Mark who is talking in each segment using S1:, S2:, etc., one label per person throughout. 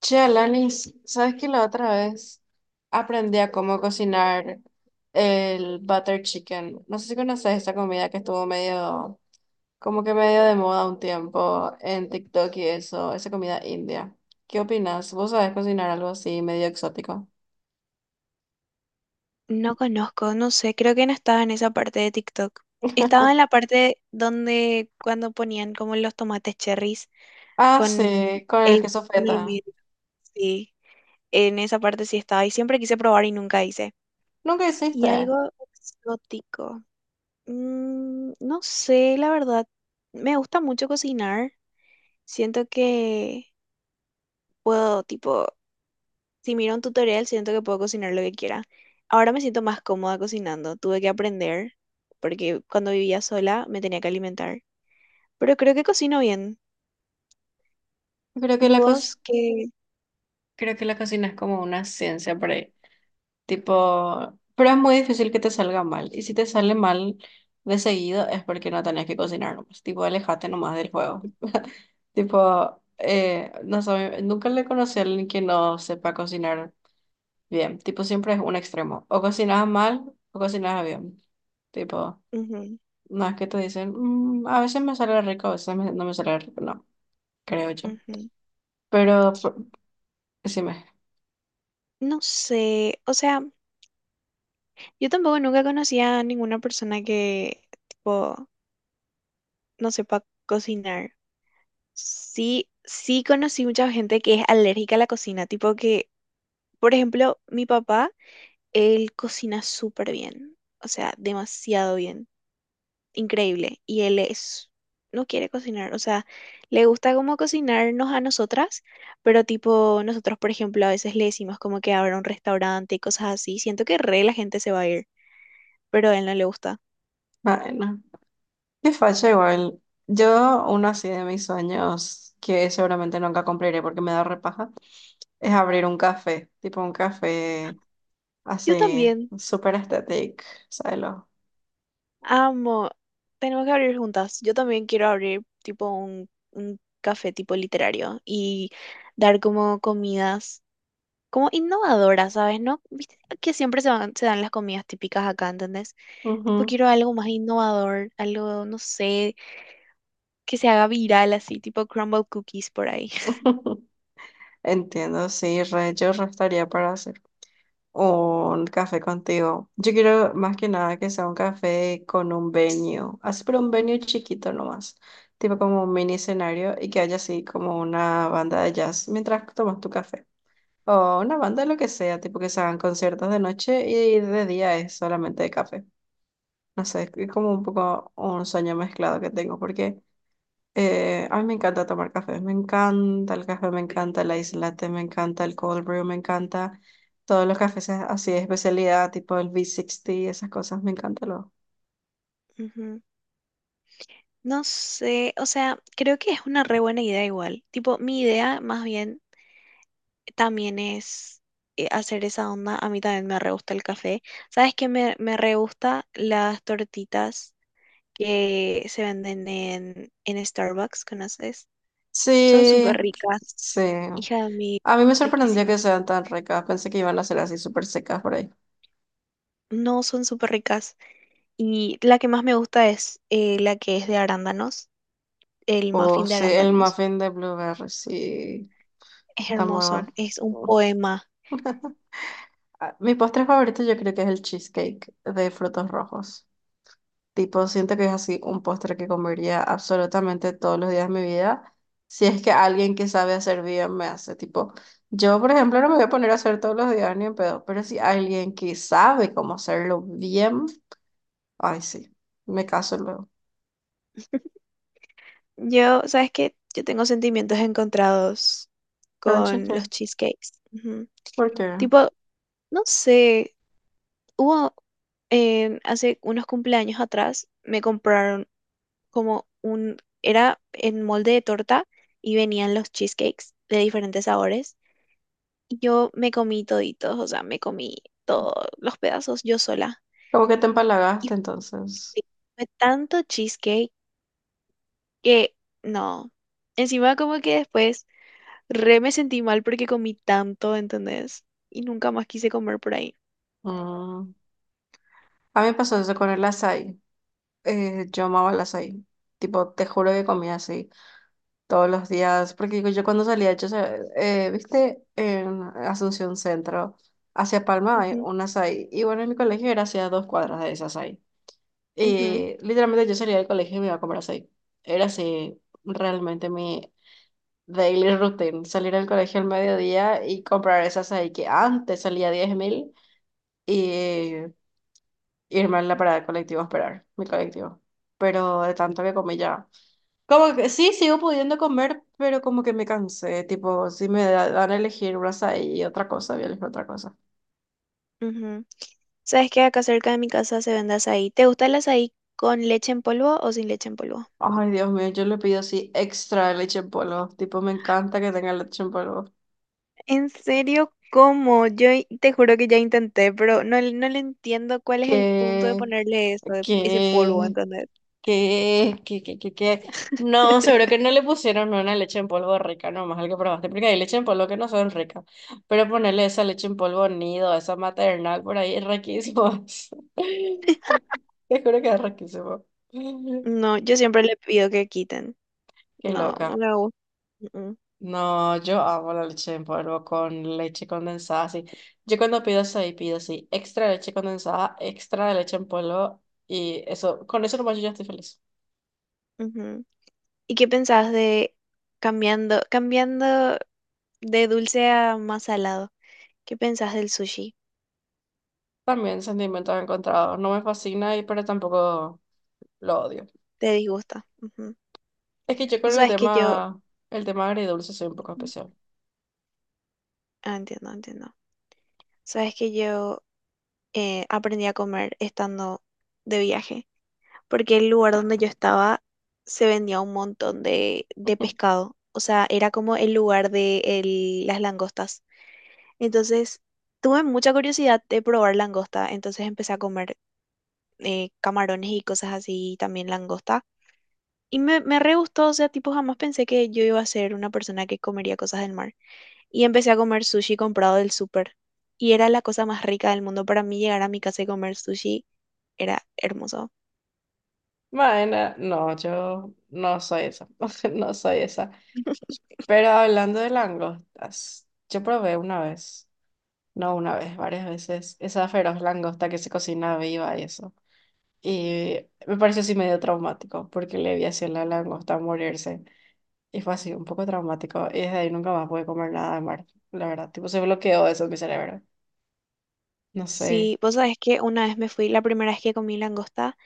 S1: Che, Alanis, ¿sabes que la otra vez aprendí a cómo cocinar el butter chicken? No sé si conoces esa comida que estuvo medio, como que medio de moda un tiempo en TikTok y eso, esa comida india. ¿Qué opinas? ¿Vos sabés cocinar algo así medio exótico?
S2: No conozco, no sé, creo que no estaba en esa parte de TikTok. Estaba en la parte donde cuando ponían como los tomates cherries
S1: Ah,
S2: con
S1: sí, con el
S2: el,
S1: queso
S2: con el
S1: feta.
S2: medio. Sí, en esa parte sí estaba y siempre quise probar y nunca hice.
S1: Nunca
S2: Y
S1: hiciste.
S2: algo exótico. No sé, la verdad. Me gusta mucho cocinar. Siento que puedo tipo. Si miro un tutorial, siento que puedo cocinar lo que quiera. Ahora me siento más cómoda cocinando. Tuve que aprender porque cuando vivía sola me tenía que alimentar. Pero creo que cocino bien.
S1: Creo que
S2: ¿Y
S1: la co-
S2: vos qué?
S1: Creo que la cocina es como una ciencia por ahí. Tipo, pero es muy difícil que te salga mal. Y si te sale mal de seguido es porque no tenés que cocinar nomás. Tipo, alejate nomás del juego. Tipo, nunca le conocí a alguien que no sepa cocinar bien. Tipo, siempre es un extremo. O cocinas mal o cocinas bien. Tipo,
S2: Ujú,
S1: no es que te dicen, "Mm, a veces me sale rico, no me sale rico". No, creo yo.
S2: ujú.
S1: Pero, por- decime.
S2: No sé. O sea, yo tampoco nunca conocí a ninguna persona que, tipo, no sepa cocinar. Sí, sí conocí mucha gente que es alérgica a la cocina. Tipo que, por ejemplo, mi papá, él cocina súper bien. O sea, demasiado bien. Increíble, y él es, no quiere cocinar, o sea, le gusta como cocinarnos a nosotras, pero tipo nosotros, por ejemplo, a veces le decimos como que abra un restaurante y cosas así, siento que re la gente se va a ir, pero a él no le gusta.
S1: Ah, no. Qué facha igual. Yo, uno así de mis sueños, que seguramente nunca cumpliré porque me da repaja, es abrir un café, tipo un café
S2: Yo
S1: así,
S2: también
S1: súper estético, ¿sabes? ¿Lo?
S2: amo, tenemos que abrir juntas, yo también quiero abrir tipo un café tipo literario y dar como comidas. Como innovadoras, ¿sabes? ¿No? ¿Viste que siempre se van- se dan las comidas típicas acá, ¿entendés? Tipo,
S1: Ujú.
S2: quiero algo más innovador, algo, no sé, que se haga viral así, tipo crumble cookies por ahí.
S1: Entiendo, sí, re, yo re estaría para hacer un café contigo. Yo quiero más que nada que sea un café con un venue, así pero un venue chiquito nomás, tipo como un mini escenario y que haya así como una banda de jazz mientras tomas tu café. O una banda, lo que sea, tipo que se hagan conciertos de noche y de día es solamente de café. No sé, es como un poco un sueño mezclado que tengo, porque a mí me encanta tomar café. Me encanta el café, me encanta el ice latte, me encanta el cold brew, me encanta todos los cafés así de especialidad, tipo el V60, esas cosas, me encanta lo.
S2: Ujú. No sé, o sea, creo que es una re buena idea igual. Tipo, mi idea más bien también es hacer esa onda. A mí también me re gusta el café. ¿Sabes qué? Me re gusta las tortitas que se venden en Starbucks, ¿conoces? Son
S1: Sí,
S2: súper
S1: sí.
S2: ricas. Hija de mí,
S1: A mí me sorprendió que
S2: riquísimas.
S1: sean tan ricas. Pensé que iban a ser así súper secas por ahí.
S2: No, son súper ricas. Y la que más me gusta es la que es de arándanos, el
S1: O
S2: muffin de
S1: sí, el
S2: arándanos.
S1: muffin de blueberry, sí.
S2: Es
S1: Está muy
S2: hermoso,
S1: bueno.
S2: es un poema.
S1: Ah, mi postre favorito yo creo que es el cheesecake de frutos rojos. Tipo, siento que es así un postre que comería absolutamente todos los días de mi vida. Si es que alguien que sabe hacer bien me hace. Tipo, yo, por ejemplo, no me voy a poner a hacer todos los días ni en pedo, pero si alguien que sabe cómo hacerlo bien, ay, sí, me caso luego.
S2: Yo, ¿sabes qué? Yo tengo sentimientos encontrados
S1: Pero un
S2: con los
S1: cheesecake,
S2: cheesecakes. Ujú.
S1: ¿por qué?
S2: Tipo, no sé, hubo hace unos cumpleaños atrás, me compraron como un, era en molde de torta y venían los cheesecakes de diferentes sabores. Y yo me comí toditos, o sea, me comí todos los pedazos yo sola.
S1: Como que te
S2: Y
S1: empalagaste entonces.
S2: fue tanto cheesecake que no. Encima como que después re me sentí mal porque comí tanto, ¿entendés? Y nunca más quise comer por ahí.
S1: Mm. A mí me pasó eso con el açaí. Yo amaba las açaí. Tipo, te juro que comía así todos los días. Porque digo, yo cuando salía, yo, viste, en Asunción Centro, hacia Palma hay
S2: Ujú,
S1: un açaí. Y bueno, en mi colegio era hacia dos cuadras de ese açaí.
S2: ujú,
S1: Y literalmente yo salía del colegio y me iba a comer açaí. Era así, realmente mi daily routine. Salir del colegio al mediodía y comprar ese açaí que antes salía 10.000 y irme a la parada del colectivo a esperar mi colectivo. Pero de tanto que comí ya. Como que sí, sigo pudiendo comer, pero como que me cansé. Tipo, si dan a elegir una y otra cosa, voy a elegir otra cosa.
S2: ujú. ¿Sabes qué? Acá cerca de mi casa se vende azaí. ¿Te gusta el azaí con leche en polvo o sin leche en polvo?
S1: Ay, Dios mío, yo le pido así extra leche en polvo. Tipo, me encanta que tenga leche en polvo.
S2: ¿En serio? ¿Cómo? Yo i- te juro que ya intenté, pero no, le- no le entiendo cuál es el punto de
S1: Que
S2: ponerle eso, de- ese polvo,
S1: ¿qué?
S2: ¿entendés?
S1: ¿Qué? ¿Qué? ¿Qué? ¿Qué? ¿Qué? No, seguro que no le pusieron una leche en polvo rica, nomás al que probaste, porque hay leche en polvo que no son ricas. Pero ponerle esa leche en polvo nido, esa maternal por ahí, es riquísimo. Te juro que es riquísimo.
S2: No, yo siempre le pido que quiten.
S1: Qué
S2: No, no
S1: loca.
S2: me gusta. Mm,
S1: No, yo amo la leche en polvo con leche condensada, así. Yo cuando pido ahí pido así, extra leche condensada, extra leche en polvo, y eso, con eso nomás yo ya estoy feliz.
S2: ujú. ¿Y qué pensás de cambiando de dulce a más salado? ¿Qué pensás del sushi?
S1: También sentimientos encontrados. No me fascina y pero tampoco lo odio.
S2: ¿Te disgusta? Ujú.
S1: Es que yo con
S2: Vos sabés que yo...
S1: el tema agridulce soy un poco
S2: mm,
S1: especial.
S2: Ah, entiendo, entiendo. Sabes que yo aprendí a comer estando de viaje. Porque el lugar donde yo estaba se vendía un montón de pescado. O sea, era como el lugar de el- las langostas. Entonces, tuve mucha curiosidad de probar langosta. Entonces empecé a comer camarones y cosas así, y también langosta. Y me re gustó, o sea, tipo, jamás pensé que yo iba a ser una persona que comería cosas del mar. Y empecé a comer sushi comprado del súper. Y era la cosa más rica del mundo. Para mí llegar a mi casa y comer sushi era hermoso.
S1: Bueno, no, yo no soy esa. No soy esa. Pero hablando de langostas, yo probé una vez, no una vez, varias veces, esa feroz langosta que se cocina viva y eso. Y me pareció así medio traumático, porque le vi así a la langosta morirse. Y fue así, un poco traumático. Y desde ahí nunca más pude comer nada de mar, la verdad. Tipo, se bloqueó eso en mi cerebro. No sé.
S2: Sí, vos sabés que una vez me fui, la primera vez que comí langosta,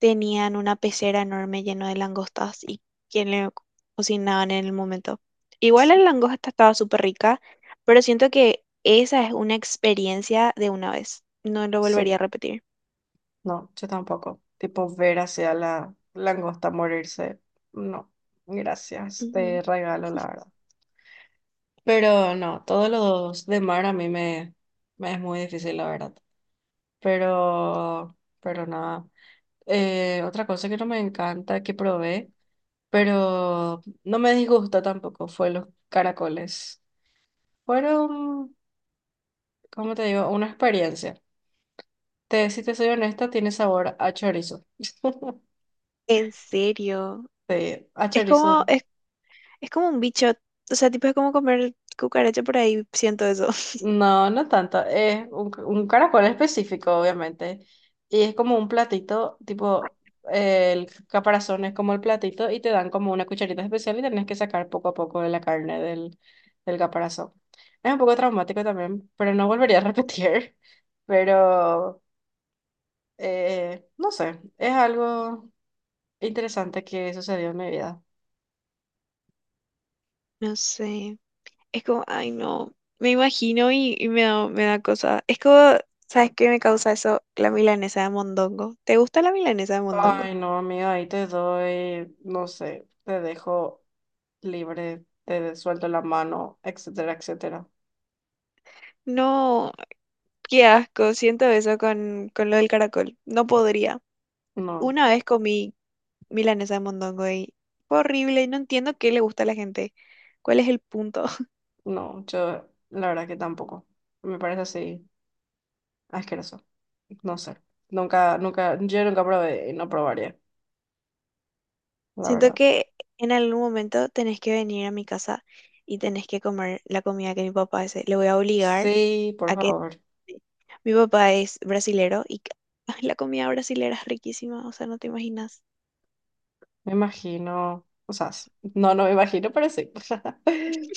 S2: tenían una pecera enorme llena de langostas y que le co- cocinaban en el momento. Igual la
S1: Sí,
S2: langosta estaba súper rica, pero siento que esa es una experiencia de una vez. No lo
S1: sí,
S2: volvería a repetir.
S1: no, yo tampoco. Tipo, ver hacia la langosta morirse. No, gracias,
S2: Ujú.
S1: te regalo, la verdad. Pero no, todos los de mar a mí me es muy difícil, la verdad. Pero nada. Otra cosa que no me encanta, que probé, pero no me disgusta tampoco, fue los caracoles. Fueron, ¿cómo te digo? Una experiencia. Te, si te soy honesta, tiene sabor a chorizo.
S2: En serio.
S1: Sí, a
S2: Es
S1: chorizo.
S2: como, es, es como un bicho. O sea, tipo es como comer cucaracha por ahí, siento eso.
S1: No, no tanto. Es un caracol específico, obviamente. Y es como un platito, tipo, el caparazón es como el platito y te dan como una cucharita especial y tenés que sacar poco a poco de la carne del caparazón. Es un poco traumático también, pero no volvería a repetir. Pero, no sé, es algo... interesante que sucedió en mi vida.
S2: No sé. Es como, ay no, me imagino y me da cosa. Es como, ¿sabes qué me causa eso? La milanesa de mondongo. ¿Te gusta la milanesa de mondongo?
S1: Ay, no, amiga, ahí te doy, no sé, te dejo libre, te suelto la mano, etcétera, etcétera.
S2: No, qué asco, siento eso con lo del caracol. No podría.
S1: No,
S2: Una vez comí milanesa de mondongo y fue horrible y no entiendo qué le gusta a la gente. ¿Cuál es el punto?
S1: no, yo la verdad que tampoco. Me parece así asqueroso. No sé. Nunca, nunca, yo nunca probé y no probaría, la
S2: Siento
S1: verdad.
S2: que en algún momento tenés que venir a mi casa y tenés que comer la comida que mi papá hace. Le voy a obligar.
S1: Sí, por
S2: A que
S1: favor.
S2: sí. Mi papá es brasilero y ca- ay, la comida brasilera es riquísima, o sea, no te imaginas.
S1: Me imagino, o sea, no, no me imagino, pero sí.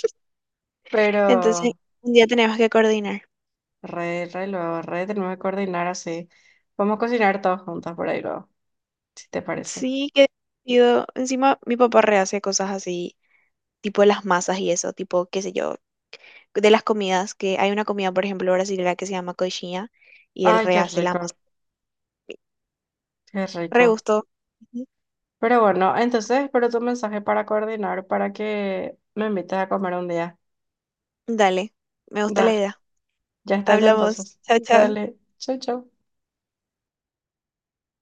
S2: Entonces,
S1: Pero
S2: un día tenemos que coordinar.
S1: re, re luego, re tenemos que coordinar así. Vamos a cocinar todos juntas por ahí luego, si te parece.
S2: Sí, qué divertido. Encima, mi papá rehace cosas así, tipo las masas y eso, tipo, qué sé yo, de las comidas, que hay una comida, por ejemplo, brasilera que se llama coxinha y él
S1: Ay, qué
S2: rehace la
S1: rico,
S2: masa.
S1: qué
S2: Re
S1: rico.
S2: gusto. Ujú.
S1: Pero bueno, entonces espero tu mensaje para coordinar, para que me invites a comer un día.
S2: Dale, me gusta la
S1: Dale,
S2: idea.
S1: ya está ya
S2: Hablamos.
S1: entonces.
S2: Chao, chao.
S1: Dale, chau, chau.